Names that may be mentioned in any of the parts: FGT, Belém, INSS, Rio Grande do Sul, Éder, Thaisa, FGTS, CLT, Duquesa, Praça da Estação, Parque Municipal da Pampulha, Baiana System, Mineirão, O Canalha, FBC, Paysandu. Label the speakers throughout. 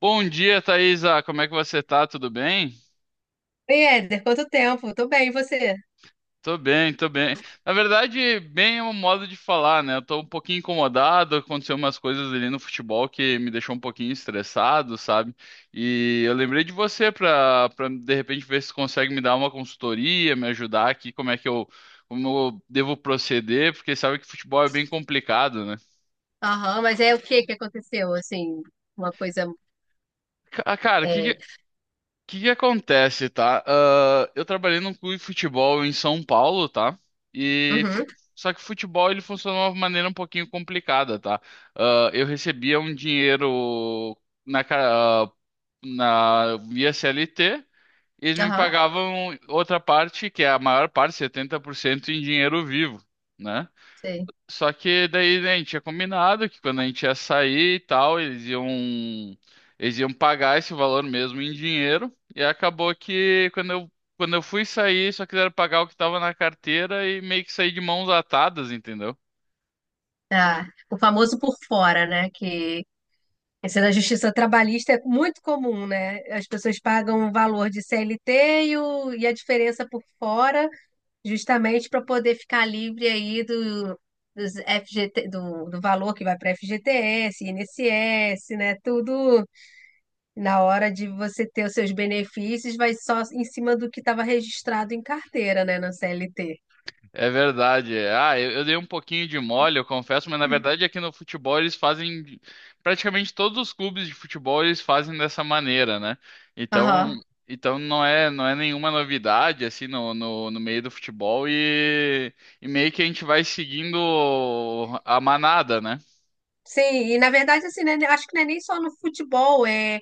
Speaker 1: Bom dia, Thaisa. Como é que você tá? Tudo bem?
Speaker 2: Oi, Éder, quanto tempo? Tô bem, e você?
Speaker 1: Tô bem, tô bem. Na verdade, bem é um modo de falar, né? Eu tô um pouquinho incomodado, aconteceu umas coisas ali no futebol que me deixou um pouquinho estressado, sabe? E eu lembrei de você pra de repente ver se consegue me dar uma consultoria, me ajudar aqui, como é que eu, como eu devo proceder, porque sabe que futebol é bem complicado, né?
Speaker 2: Aham, mas é o que que aconteceu, assim, uma coisa,
Speaker 1: Cara,
Speaker 2: é,
Speaker 1: O que que acontece, tá? Eu trabalhei num clube de futebol em São Paulo, tá? E fu-
Speaker 2: uhum,
Speaker 1: Só que o futebol ele funcionou de uma maneira um pouquinho complicada, tá? Eu recebia um dinheiro na, ca- ah, na via CLT, e eles me
Speaker 2: aham,
Speaker 1: pagavam outra parte, que é a maior parte, 70% em dinheiro vivo, né?
Speaker 2: sei.
Speaker 1: Só que daí né, a gente tinha combinado que quando a gente ia sair e tal, eles iam pagar esse valor mesmo em dinheiro. E acabou que quando eu fui sair, só quiseram pagar o que estava na carteira e meio que saí de mãos atadas, entendeu?
Speaker 2: Ah, o famoso por fora, né, que esse da justiça trabalhista é muito comum, né? As pessoas pagam o valor de CLT e a diferença por fora, justamente para poder ficar livre aí dos FGT, do valor que vai para FGTS, INSS, né? Tudo. Na hora de você ter os seus benefícios, vai só em cima do que estava registrado em carteira, né, na CLT.
Speaker 1: É verdade. Eu dei um pouquinho de mole, eu confesso, mas na verdade aqui no futebol eles fazem. Praticamente todos os clubes de futebol eles fazem dessa maneira, né?
Speaker 2: Aham.
Speaker 1: Então, então não é nenhuma novidade, assim, no meio do futebol e meio que a gente vai seguindo a manada, né?
Speaker 2: Sim, e na verdade, assim, né, acho que não é nem só no futebol, é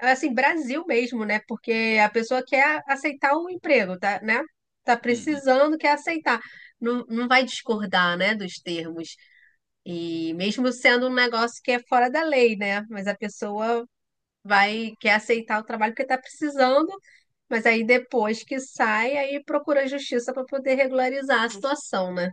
Speaker 2: assim, Brasil mesmo, né? Porque a pessoa quer aceitar o emprego, tá, né? Tá
Speaker 1: Hum. Hum.
Speaker 2: precisando, quer aceitar. Não, não vai discordar, né, dos termos. E mesmo sendo um negócio que é fora da lei, né? Mas a pessoa vai, quer aceitar o trabalho porque tá precisando. Mas aí depois que sai, aí procura a justiça para poder regularizar a situação, né?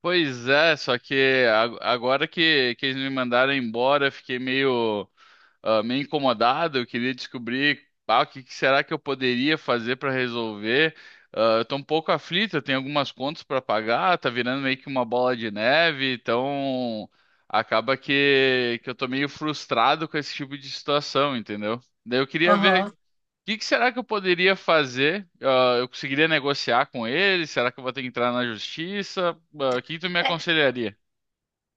Speaker 1: Pois é, só que agora que eles me mandaram embora, eu fiquei meio. Meio incomodado, eu queria descobrir o que que será que eu poderia fazer para resolver. Eu estou um pouco aflito, eu tenho algumas contas para pagar, tá virando meio que uma bola de neve, então acaba que eu tô meio frustrado com esse tipo de situação, entendeu? Daí eu queria ver o
Speaker 2: Aham.
Speaker 1: que que será que eu poderia fazer? Eu conseguiria negociar com ele? Será que eu vou ter que entrar na justiça? O que que tu me
Speaker 2: É,
Speaker 1: aconselharia?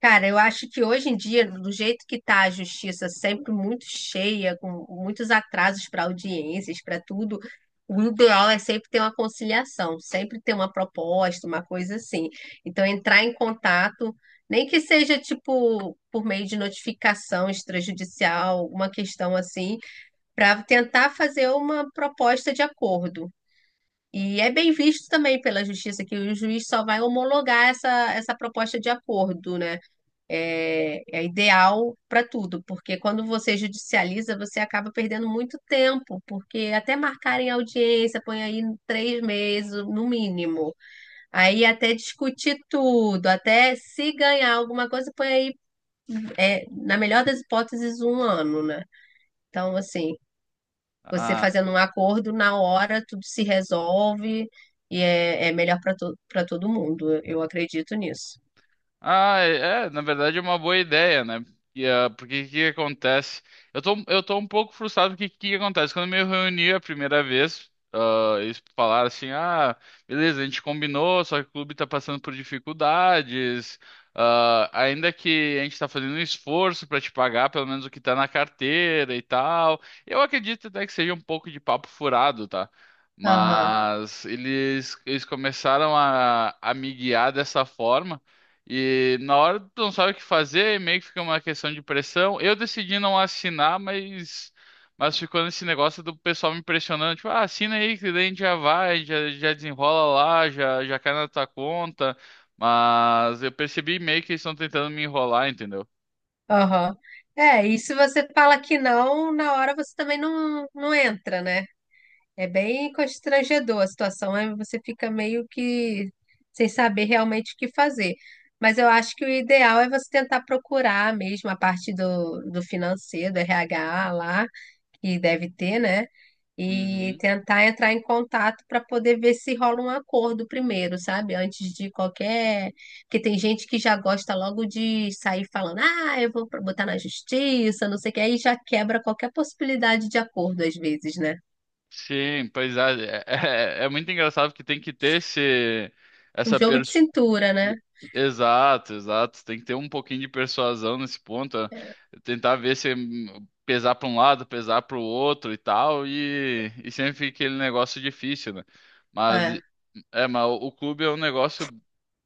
Speaker 2: cara, eu acho que hoje em dia, do jeito que tá a justiça, sempre muito cheia, com muitos atrasos para audiências, para tudo, o ideal é sempre ter uma conciliação, sempre ter uma proposta, uma coisa assim. Então, entrar em contato, nem que seja tipo por meio de notificação extrajudicial, uma questão assim, para tentar fazer uma proposta de acordo. E é bem visto também pela justiça que o juiz só vai homologar essa proposta de acordo, né? É ideal para tudo, porque quando você judicializa, você acaba perdendo muito tempo, porque até marcarem audiência, põe aí 3 meses no mínimo. Aí até discutir tudo, até se ganhar alguma coisa, põe aí, é, na melhor das hipóteses, um ano, né? Então, assim, você
Speaker 1: Ah.
Speaker 2: fazendo um acordo, na hora tudo se resolve e é melhor para todo mundo. Eu acredito nisso.
Speaker 1: É, é, na verdade é uma boa ideia, né? E, porque o que acontece? Eu tô um pouco frustrado porque o que acontece? Quando eu me reuni a primeira vez, eles falaram assim, beleza, a gente combinou, só que o clube tá passando por dificuldades, ainda que a gente tá fazendo um esforço pra te pagar pelo menos o que tá na carteira e tal. Eu acredito até que seja um pouco de papo furado, tá?
Speaker 2: Aham,
Speaker 1: Mas eles começaram a me guiar dessa forma. E na hora tu não sabe o que fazer, meio que fica uma questão de pressão. Eu decidi não assinar, mas ficou nesse negócio do pessoal me pressionando, tipo, ah, assina aí, que daí a gente já vai, já, já desenrola lá, já, já cai na tua conta. Mas eu percebi meio que eles estão tentando me enrolar, entendeu?
Speaker 2: aham. É, e se você fala que não, na hora você também não entra, né? É bem constrangedor a situação, né? Você fica meio que sem saber realmente o que fazer. Mas eu acho que o ideal é você tentar procurar mesmo a parte do financeiro, do RH lá, que deve ter, né? E
Speaker 1: Uhum.
Speaker 2: tentar entrar em contato para poder ver se rola um acordo primeiro, sabe? Antes de qualquer. Porque tem gente que já gosta logo de sair falando, ah, eu vou botar na justiça, não sei o que, aí já quebra qualquer possibilidade de acordo às vezes, né?
Speaker 1: Sim, pois é, é muito engraçado porque tem que ter esse,
Speaker 2: Um
Speaker 1: essa
Speaker 2: jogo de cintura, né?
Speaker 1: exato, exato. Tem que ter um pouquinho de persuasão nesse ponto,
Speaker 2: É.
Speaker 1: tentar ver se pesar para um lado, pesar para o outro e tal, e sempre fica aquele negócio difícil, né? Mas
Speaker 2: É.
Speaker 1: é, mas o clube é um negócio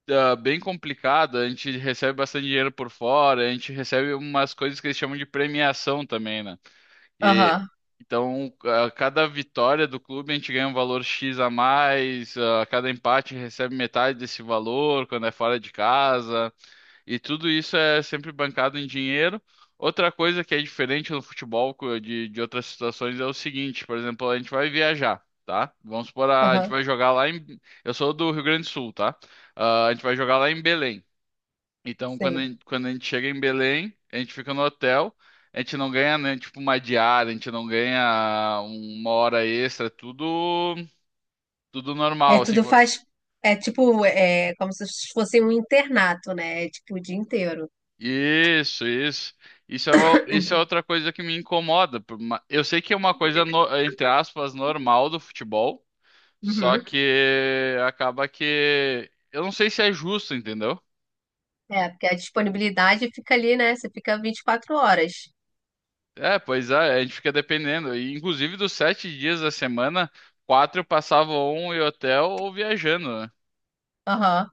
Speaker 1: bem complicado. A gente recebe bastante dinheiro por fora, a gente recebe umas coisas que eles chamam de premiação também, né? E,
Speaker 2: Aham,
Speaker 1: então, a cada vitória do clube, a gente ganha um valor X a mais, a cada empate recebe metade desse valor quando é fora de casa, e tudo isso é sempre bancado em dinheiro. Outra coisa que é diferente no futebol de outras situações é o seguinte, por exemplo, a gente vai viajar, tá? Vamos supor, a gente
Speaker 2: aham,
Speaker 1: vai jogar lá em... Eu sou do Rio Grande do Sul, tá? A gente vai jogar lá em Belém. Então,
Speaker 2: sei.
Speaker 1: quando a gente chega em Belém, a gente fica no hotel, a gente não ganha, né, tipo, uma diária, a gente não ganha uma hora extra, tudo, tudo
Speaker 2: É,
Speaker 1: normal, assim.
Speaker 2: tudo faz. É tipo, é como se fosse um internato, né? É tipo o dia inteiro.
Speaker 1: Isso, isso. Isso é, isso é outra coisa que me incomoda. Eu sei que é uma coisa, entre aspas, normal do futebol, só
Speaker 2: Uhum.
Speaker 1: que acaba que... Eu não sei se é justo, entendeu?
Speaker 2: É, porque a disponibilidade fica ali, né? Você fica 24 horas.
Speaker 1: É, pois é, a gente fica dependendo. E, inclusive, dos sete dias da semana, quatro passavam um em hotel ou viajando, né?
Speaker 2: Aham.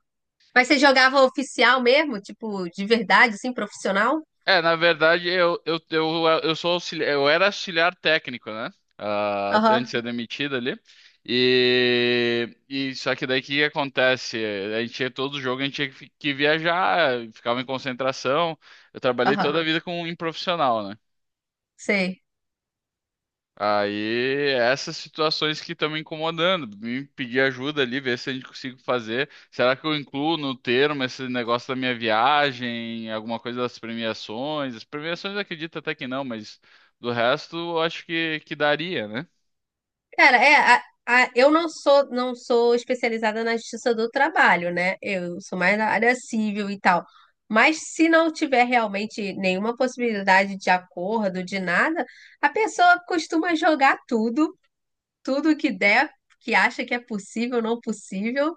Speaker 2: Mas você jogava oficial mesmo? Tipo, de verdade, assim, profissional?
Speaker 1: É, na verdade, eu sou auxiliar, eu era auxiliar técnico, né? Antes
Speaker 2: Aham,
Speaker 1: de ser demitido ali. E só que daí o que que acontece? A gente tinha todo jogo, a gente tinha que, que viajar, ficava em concentração. Eu trabalhei
Speaker 2: aham,
Speaker 1: toda a vida com um profissional, né?
Speaker 2: sei.
Speaker 1: Aí, essas situações que estão me incomodando, me pedir ajuda ali, ver se a gente consigo fazer. Será que eu incluo no termo esse negócio da minha viagem, alguma coisa das premiações? As premiações eu acredito até que não, mas do resto eu acho que daria, né?
Speaker 2: Cara, é, eu não sou especializada na justiça do trabalho, né? Eu sou mais na área civil e tal. Mas se não tiver realmente nenhuma possibilidade de acordo, de nada, a pessoa costuma jogar tudo, tudo que der, que acha que é possível, não possível,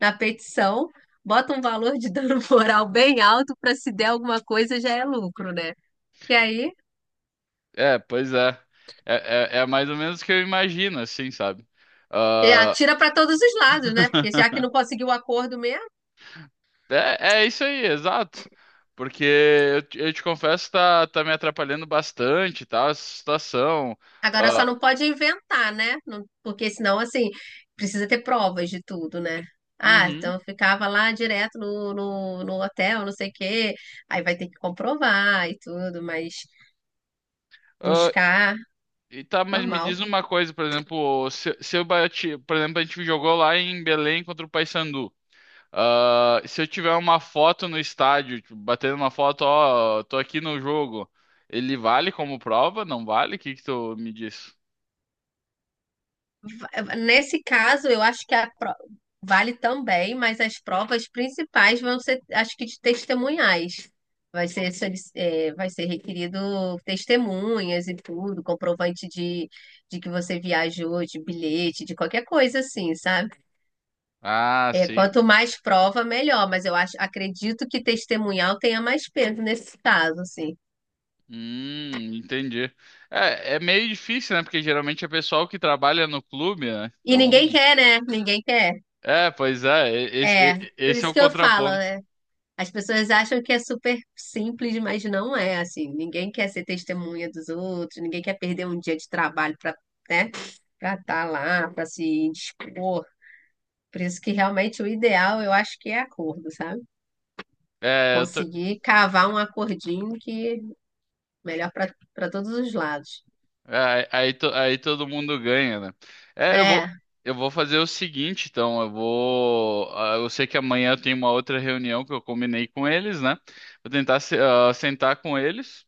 Speaker 2: na petição, bota um valor de dano moral bem alto para se der alguma coisa já é lucro, né? E aí,
Speaker 1: É, pois é. É, mais ou menos o que eu imagino, assim, sabe?
Speaker 2: é,
Speaker 1: Ah.
Speaker 2: atira para todos os lados, né? Porque já que não conseguiu o acordo mesmo.
Speaker 1: É, é isso aí, exato. Porque eu te confesso, tá, tá me atrapalhando bastante, tá? Essa situação.
Speaker 2: Agora só
Speaker 1: Ah.
Speaker 2: não pode inventar, né? Porque senão, assim, precisa ter provas de tudo, né? Ah,
Speaker 1: Uhum.
Speaker 2: então eu ficava lá direto no hotel, não sei o quê. Aí vai ter que comprovar e tudo, mas
Speaker 1: Ah,
Speaker 2: buscar,
Speaker 1: e tá, mas me
Speaker 2: normal.
Speaker 1: diz uma coisa, por exemplo, se eu bati, por exemplo, a gente jogou lá em Belém contra o Paysandu. Se eu tiver uma foto no estádio, tipo, batendo uma foto, ó, tô aqui no jogo, ele vale como prova? Não vale? O que que tu me diz?
Speaker 2: Nesse caso, eu acho que vale também, mas as provas principais vão ser, acho que de testemunhais. Vai ser requerido testemunhas e tudo, comprovante de que você viajou, de bilhete, de qualquer coisa assim, sabe?
Speaker 1: Ah,
Speaker 2: É,
Speaker 1: sim.
Speaker 2: quanto mais prova, melhor, mas eu acho, acredito que testemunhal tenha mais peso nesse caso, assim.
Speaker 1: Entendi. É, é meio difícil, né? Porque geralmente é pessoal que trabalha no clube, né?
Speaker 2: E
Speaker 1: Então,
Speaker 2: ninguém quer, né? Ninguém quer.
Speaker 1: é, pois é, esse,
Speaker 2: É, por
Speaker 1: esse é
Speaker 2: isso
Speaker 1: o
Speaker 2: que eu falo,
Speaker 1: contraponto.
Speaker 2: né? As pessoas acham que é super simples, mas não é assim. Ninguém quer ser testemunha dos outros, ninguém quer perder um dia de trabalho para, né, para estar lá, para se indispor. Por isso que realmente o ideal eu acho que é acordo, sabe?
Speaker 1: É, eu tô-
Speaker 2: Conseguir cavar um acordinho que é melhor para todos os lados.
Speaker 1: é, aí, aí todo mundo ganha, né? É,
Speaker 2: É,
Speaker 1: eu vou fazer o seguinte, então, eu vou, ah, eu sei que amanhã eu tenho uma outra reunião que eu combinei com eles, né? Vou tentar sentar com eles,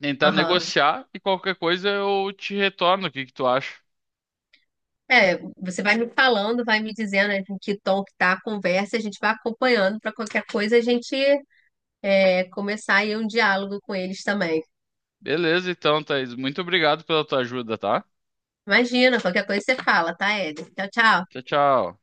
Speaker 1: tentar
Speaker 2: aham.
Speaker 1: negociar e qualquer coisa eu te retorno. O que que tu acha?
Speaker 2: É, você vai me falando, vai me dizendo em que tom que tá a conversa, a gente vai acompanhando para qualquer coisa a gente é, começar aí um diálogo com eles também.
Speaker 1: Beleza, então, Thaís, muito obrigado pela tua ajuda, tá?
Speaker 2: Imagina, qualquer coisa você fala, tá, Éder? Tchau, tchau.
Speaker 1: Tchau, tchau.